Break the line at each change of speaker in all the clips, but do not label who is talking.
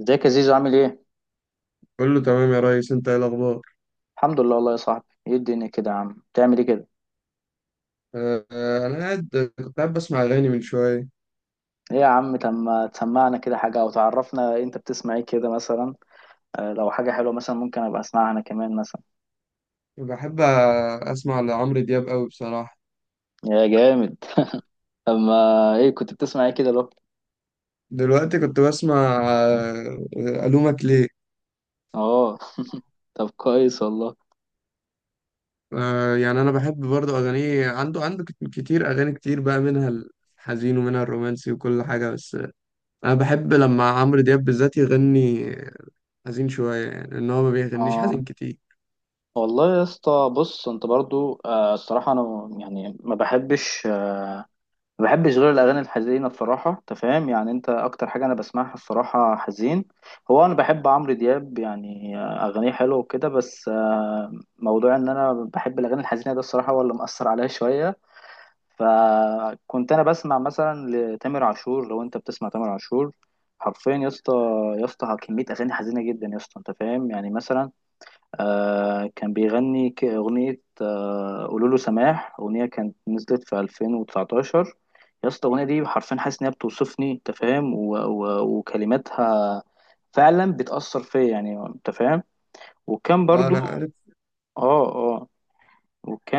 ازيك يا زيزو؟ عامل ايه؟
كله تمام يا ريس، انت ايه الاخبار؟
الحمد لله والله يا صاحبي. ايه الدنيا كده يا عم؟ بتعمل ايه كده؟
انا قاعد. كنت قاعد بسمع اغاني من شويه.
ايه يا عم، تما تسمعنا كده حاجة او تعرفنا انت بتسمع ايه كده مثلا. لو حاجة حلوة مثلا، ممكن ابقى اسمعها انا كمان مثلا.
بحب اسمع لعمرو دياب قوي بصراحه.
يا جامد. اما ايه كنت بتسمع ايه كده لو
دلوقتي كنت بسمع. الومك ليه.
اه. طب كويس والله.
يعني انا بحب برضو اغانيه، عنده كتير اغاني كتير، بقى منها الحزين ومنها الرومانسي وكل حاجه. بس انا بحب لما عمرو دياب بالذات يغني حزين شويه، يعني ان هو ما بيغنيش
اه
حزين كتير.
والله يا اسطى، بص انت برضو الصراحة انا يعني ما بحبش غير الاغاني الحزينه بصراحه، انت فاهم يعني، انت اكتر حاجه انا بسمعها الصراحه حزين. هو انا بحب عمرو دياب، يعني اغانيه حلوه وكده، بس موضوع ان انا بحب الاغاني الحزينه ده الصراحه هو اللي مأثر عليا شويه. فكنت انا بسمع مثلا لتامر عاشور، لو انت بتسمع تامر عاشور حرفيا يا اسطى، يا اسطى كميه اغاني حزينه جدا يا اسطى، انت فاهم يعني. مثلا آه، كان بيغني أغنية، آه قولوا له سماح، أغنية كانت نزلت في 2019. يا اسطى الأغنية دي حرفيا حاسس إن هي بتوصفني، أنت فاهم، وكلماتها فعلا بتأثر فيا، يعني أنت فاهم. وكان برضو
انا
آه آه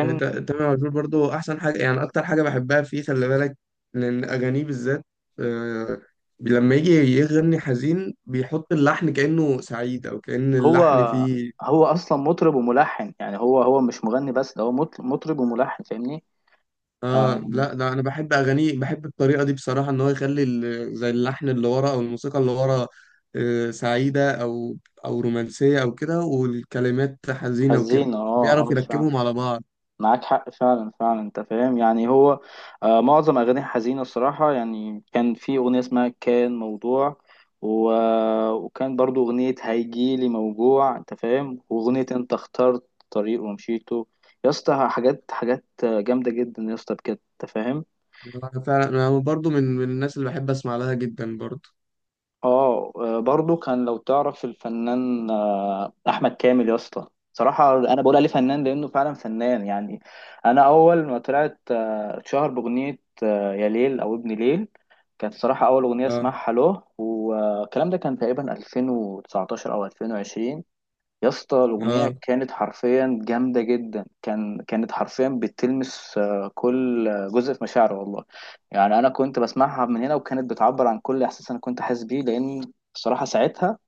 آه، تا- تامر عاشور برضو احسن حاجه، يعني اكتر حاجه بحبها فيه خلي بالك، لان اغانيه بالذات آه، لما يجي يغني حزين بيحط اللحن كانه سعيد، او كان
هو
اللحن فيه.
هو أصلا مطرب وملحن، يعني هو مش مغني بس، ده هو مطرب وملحن، فاهمني؟
اه لا، ده انا بحب اغانيه، بحب الطريقه دي بصراحه، ان هو يخلي زي اللحن اللي ورا او الموسيقى اللي ورا سعيده او او رومانسيه او كده، والكلمات حزينه وكده
حزين آه
بيعرف
آه.
يركبهم على بعض.
معاك حق فعلا فعلا، انت فاهم يعني. هو آه معظم اغاني حزينه الصراحه. يعني كان في اغنيه اسمها كان موضوع، و... وكان برضو اغنيه هيجيلي موجوع، انت فاهم، واغنيه انت اخترت طريق ومشيته. يا اسطى حاجات حاجات جامده جدا يا اسطى، بجد انت فاهم.
فعلا انا برضو من الناس اللي بحب اسمع لها جدا برضو.
اه آه، برضو كان، لو تعرف الفنان احمد كامل يا اسطى. صراحه انا بقول عليه فنان لانه فعلا فنان يعني. انا اول ما طلعت، اتشهر باغنيه آه، يا ليل او ابن ليل. كانت صراحه اول اغنيه
اه،
اسمعها له، والكلام ده كان تقريبا 2019 او 2020. يا اسطى الأغنية
اه،
كانت حرفيا جامدة جدا، كانت حرفيا بتلمس كل جزء في مشاعري والله. يعني أنا كنت بسمعها من هنا، وكانت بتعبر عن كل إحساس أنا كنت حاسس بيه، لأن بصراحة ساعتها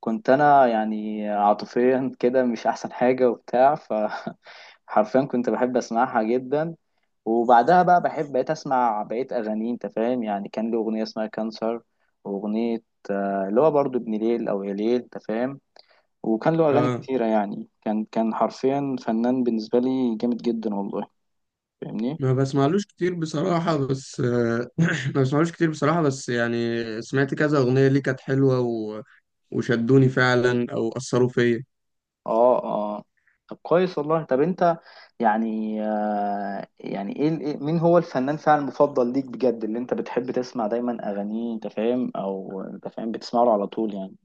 كنت أنا يعني عاطفيا كده مش أحسن حاجة وبتاع. حرفيا كنت بحب اسمعها جدا. وبعدها بقى بحب بقيت اسمع بقيت اغاني، انت فاهم يعني. كان له اغنيه اسمها كانسر، واغنيه اللي هو برضو ابن ليل او يا ليل، انت فاهم. وكان له أغاني
اه.
كتيرة، يعني كان حرفيا فنان بالنسبة لي جامد جدا والله. فاهمني؟
ما بسمعلوش كتير بصراحة، بس ما بسمعلوش كتير بصراحة، بس يعني سمعت كذا أغنية ليه كانت حلوة و... وشدوني فعلا أو أثروا فيا.
اه اه. طب كويس والله. طب انت يعني آه، يعني مين هو الفنان فعلا المفضل ليك بجد، اللي انت بتحب تسمع دايما أغانيه، انت فاهم، او انت فاهم بتسمع له على طول يعني.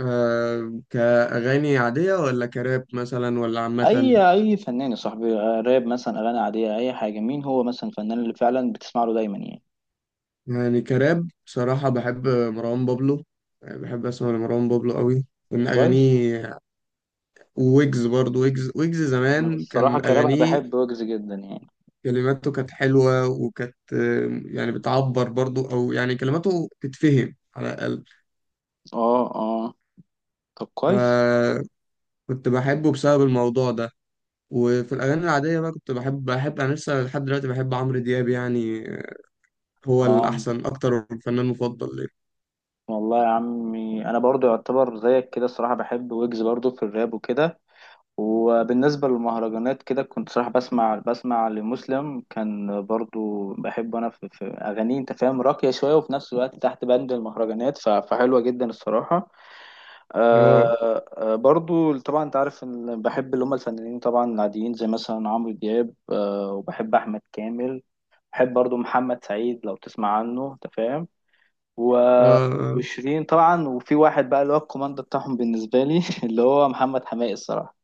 أه، كأغاني عادية ولا كراب مثلا ولا عامة؟
اي فنان يا صاحبي، راب مثلا، اغاني عادية، اي حاجة. مين هو مثلا الفنان اللي فعلا بتسمع له دايما يعني؟
يعني كراب بصراحة بحب مروان بابلو، يعني بحب أسمع لمروان بابلو قوي من
كويس.
أغانيه. وويجز برضو، ويجز ويجز
أنا
زمان
الصراحة
كان
كراب انا
أغانيه
بحب ويجز جدا يعني.
كلماته كانت حلوة، وكانت يعني بتعبر برضو، أو يعني كلماته تتفهم على الأقل.
اه اه. طب كويس.
آه، كنت بحبه بسبب الموضوع ده. وفي الأغاني العادية بقى كنت بحب، أنا لسه لحد دلوقتي بحب عمرو دياب، يعني هو
اه
الأحسن، أكتر الفنان مفضل ليا.
والله يا عمي انا برضو يعتبر زيك كده الصراحه، بحب ويجز برضو في الراب وكده. وبالنسبه للمهرجانات كده، كنت صراحه بسمع لمسلم. كان برضو بحب انا في اغانيه، انت فاهم، راقيه شويه، وفي نفس الوقت تحت بند المهرجانات، فحلوه جدا الصراحه.
آه،
آه، برضو طبعا انت عارف ان بحب اللي هم الفنانين طبعا العاديين، زي مثلا عمرو دياب وبحب احمد كامل. بحب برضو محمد سعيد، لو تسمع عنه، انت فاهم. و... وشيرين طبعا. وفي واحد بقى اللي هو الكوماندو بتاعهم بالنسبة لي، اللي هو محمد حماقي الصراحة،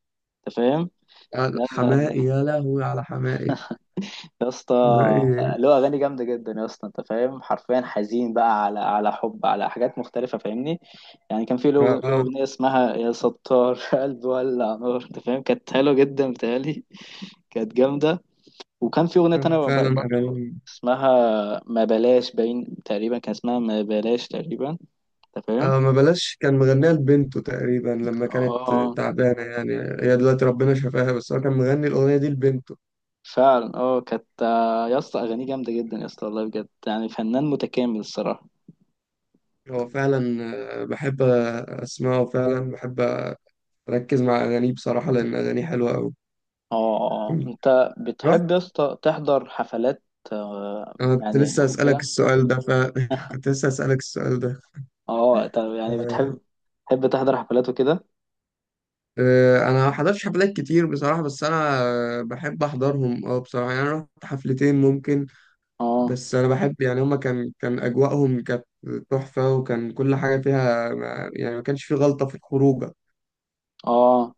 انت فاهم.
آه،
ده
حماقي، يا لهوي على حماقي.
يا اسطى
حماقي
له اغاني جامده جدا يا اسطى، انت فاهم، حرفيا حزين بقى على حب، على حاجات مختلفه، فاهمني؟ يعني كان في
آه،
له
آه،
اغنيه اسمها يا ستار، قلبي ولع نار، انت فاهم، كانت حلوه جدا بتهيألي، كانت جامده. وكان في اغنيه تانية،
فعلا
برضه
أغاني.
اسمها ما بلاش باين، تقريبا كان اسمها ما بلاش تقريبا، انت فاهم.
آه، ما بلاش كان مغنيها لبنته تقريبا، لما كانت
اه
تعبانة يعني. هي دلوقتي ربنا شفاها، بس هو كان مغني الأغنية دي لبنته.
فعلا. اه كانت يا اسطى اغانيه جامده جدا يا اسطى والله بجد، يعني فنان متكامل الصراحه.
هو فعلا، بحب اسمعه، وفعلا بحب اركز مع اغانيه بصراحه، لان اغانيه حلوه قوي.
اه اه، انت بتحب يا
رحت.
اسطى تحضر حفلات آه،
انا كنت
يعني
لسه اسالك
وكده؟
السؤال ده، ف...
اه.
كنت لسه اسالك السؤال ده.
آه. طب يعني
آه،
بتحب تحضر حفلات وكده؟
انا ما حضرتش حفلات كتير بصراحه، بس انا بحب احضرهم، اه بصراحه. يعني انا رحت حفلتين ممكن،
اه
بس انا بحب يعني هما، كان اجواءهم كانت تحفه، وكان كل حاجه فيها يعني ما كانش في غلطه في الخروجه.
اه.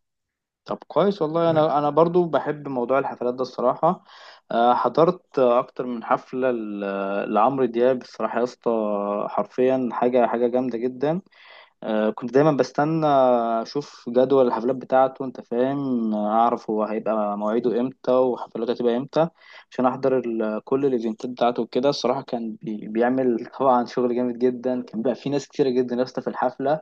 طب كويس والله، انا برضو بحب موضوع الحفلات ده الصراحه. حضرت اكتر من حفله لعمرو دياب الصراحه يا اسطى، حرفيا حاجه حاجه جامده جدا. كنت دايما بستنى اشوف جدول الحفلات بتاعته، انت فاهم، اعرف هو هيبقى مواعيده امتى وحفلاته هتبقى امتى، عشان احضر كل الايفنتات بتاعته وكده الصراحه. كان بيعمل طبعا شغل جامد جدا. كان بقى في ناس كتيره جدا لسه في الحفله.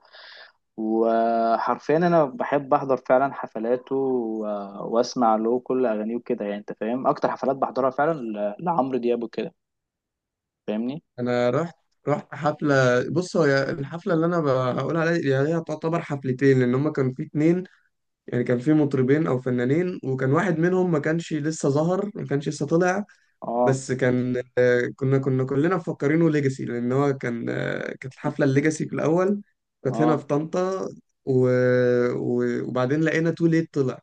وحرفيا انا بحب احضر فعلا حفلاته، واسمع له كل اغانيه وكده، يعني انت فاهم، اكتر حفلات بحضرها فعلا لعمرو دياب وكده، فاهمني؟
انا رحت حفله. بص، هو الحفله اللي انا يعني هي تعتبر حفلتين، لان هما كان في اتنين. يعني كان في مطربين او فنانين، وكان واحد منهم ما كانش لسه ظهر، ما كانش لسه طلع.
اه
بس كان، كنا كلنا مفكرينه ليجاسي، لان هو كان، كانت الحفله الليجاسي في الاول. كانت هنا
اه.
في طنطا و... و- وبعدين لقينا تو ليت طلع.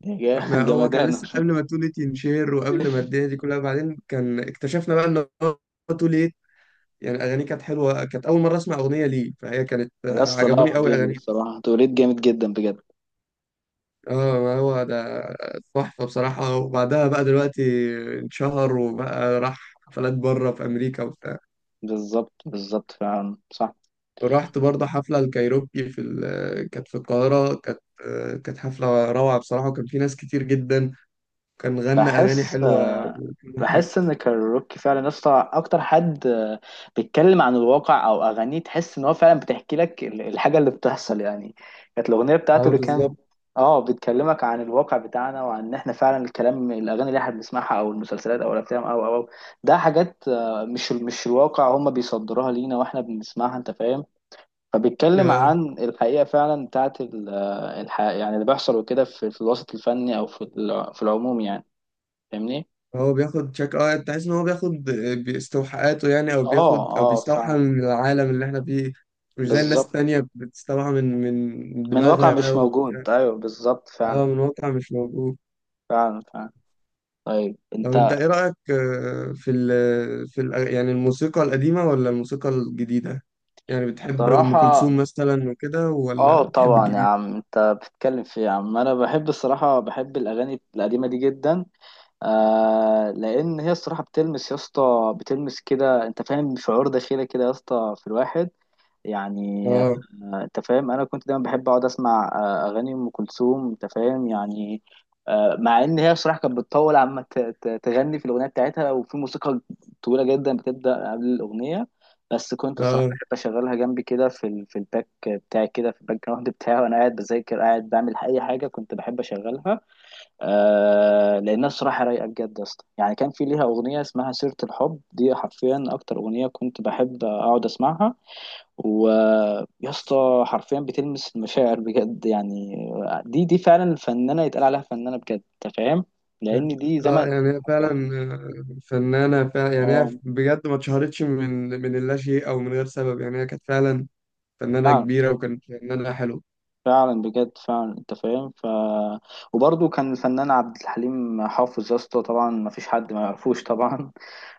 احنا هو كان
جامدانه.
لسه قبل ما تو ليت ينشهر، وقبل ما الدنيا دي كلها، بعدين كان اكتشفنا بقى ان هو تو ليت يعني اغانيه كانت حلوه، كانت اول مره اسمع اغنيه ليه، فهي كانت
يا اسطى لا
عجبوني
هو
قوي
جامد
اغانيه.
الصراحة، توليد جامد جدا بجد.
اه، ما هو ده تحفه بصراحه. وبعدها بقى دلوقتي انشهر، وبقى راح حفلات بره في امريكا وبتاع.
بالظبط بالظبط فعلا صح.
ورحت برضه حفله الكايروكي في كانت في القاهره، كانت كانت حفله روعه بصراحه، وكان في ناس كتير جدا. كان غنى اغاني
بحس
حلوه
آه،
وكل حاجه.
بحس ان كاروكي فعلا يا اسطى اكتر حد بيتكلم عن الواقع، او اغانيه تحس ان هو فعلا بتحكي لك الحاجة اللي بتحصل، يعني كانت الاغنية بتاعته
اه
اللي كان.
بالظبط.
اه، بتكلمك عن الواقع بتاعنا، وعن ان احنا فعلا الكلام، الاغاني اللي احنا بنسمعها او المسلسلات او الافلام او او أو. ده حاجات مش الواقع، هم بيصدروها لينا واحنا بنسمعها، انت فاهم. فبيتكلم عن الحقيقة فعلا بتاعت الحقيقة، يعني اللي بيحصل وكده، في الوسط الفني، أو في، في العموم يعني. فاهمني؟
هو بياخد شك، اه تحس ان هو بياخد باستوحاءاته يعني، او
اه
بياخد او
اه
بيستوحى
فعلا.
من العالم اللي احنا فيه. مش زي الناس
بالظبط.
التانية، بتستوحى من من
من واقع
دماغها
مش
و...
موجود. أيوه بالظبط فعلا.
اه من واقع مش موجود.
فعلا فعلا. طيب
طب انت
أنت،
ايه رأيك في يعني الموسيقى القديمة ولا الموسيقى الجديدة؟ يعني بتحب ام
صراحة
كلثوم مثلا وكده،
اه
ولا بتحب
طبعا يا
الجديدة؟
عم أنت بتتكلم في إيه يا عم! أنا بحب الصراحة، بحب الأغاني القديمة دي جدا. آه لأن هي الصراحة بتلمس يا اسطى، بتلمس كده أنت فاهم شعور داخلي كده يا اسطى في الواحد، يعني
اه،
انت فاهم. انا كنت دايما بحب اقعد اسمع اغاني ام كلثوم، انت فاهم يعني. مع ان هي بصراحه كانت بتطول عما تغني في الاغنيه بتاعتها، وفي موسيقى طويله جدا بتبدا قبل الاغنيه. بس كنت الصراحه
اه،
بحب اشغلها جنبي كده، في في الباك بتاعي كده، في الباك جراوند بتاعي، وانا قاعد بذاكر قاعد بعمل اي حاجه كنت بحب اشغلها. آه لانها الصراحه رايقه بجد يا اسطى. يعني كان في ليها اغنيه اسمها سيره الحب، دي حرفيا اكتر اغنيه كنت بحب اقعد اسمعها، ويا اسطى حرفيا بتلمس المشاعر بجد يعني. دي فعلا فنانه يتقال عليها فنانه بجد، انت فاهم، لان دي
اه،
زمن
يعني هي
حرفيا
فعلا
من
فنانة فعلا، يعني
اه
هي بجد ما اتشهرتش من اللاشيء او من غير سبب، يعني هي كانت فعلا فنانة
فعلا.
كبيرة، وكانت فنانة حلوة.
فعلا بجد فعلا انت فاهم. وبرضه كان الفنان عبد الحليم حافظ يا اسطى، طبعا ما فيش حد ما يعرفوش طبعا.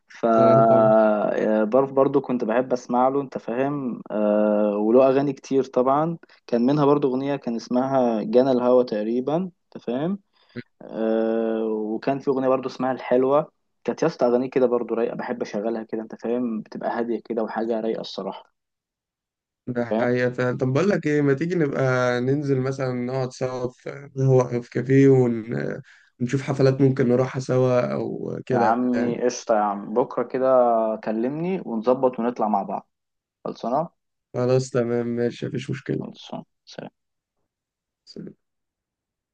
ف
اه طبعا.
آه، برضه كنت بحب اسمع له، انت فاهم، آه وله اغاني كتير طبعا. كان منها برضه اغنيه كان اسمها جنى الهوى تقريبا، انت فاهم. آه وكان في اغنيه برضو اسمها الحلوه، كانت يا اسطى اغانيه كده برضو رايقه، بحب اشغلها كده انت فاهم، بتبقى هاديه كده وحاجه رايقه الصراحه،
ده
أنت فاهم.
حقيقة فعلا. طب بقول لك ايه، ما تيجي نبقى ننزل مثلا نقعد سوا في، هو في كافيه، ون... ونشوف حفلات ممكن نروحها سوا او
يا
كده يعني.
عمي قشطه يا عم، بكره كده كلمني ونظبط ونطلع مع بعض. خلصانه.
خلاص تمام ماشي، مفيش مشكلة.
خلصانه.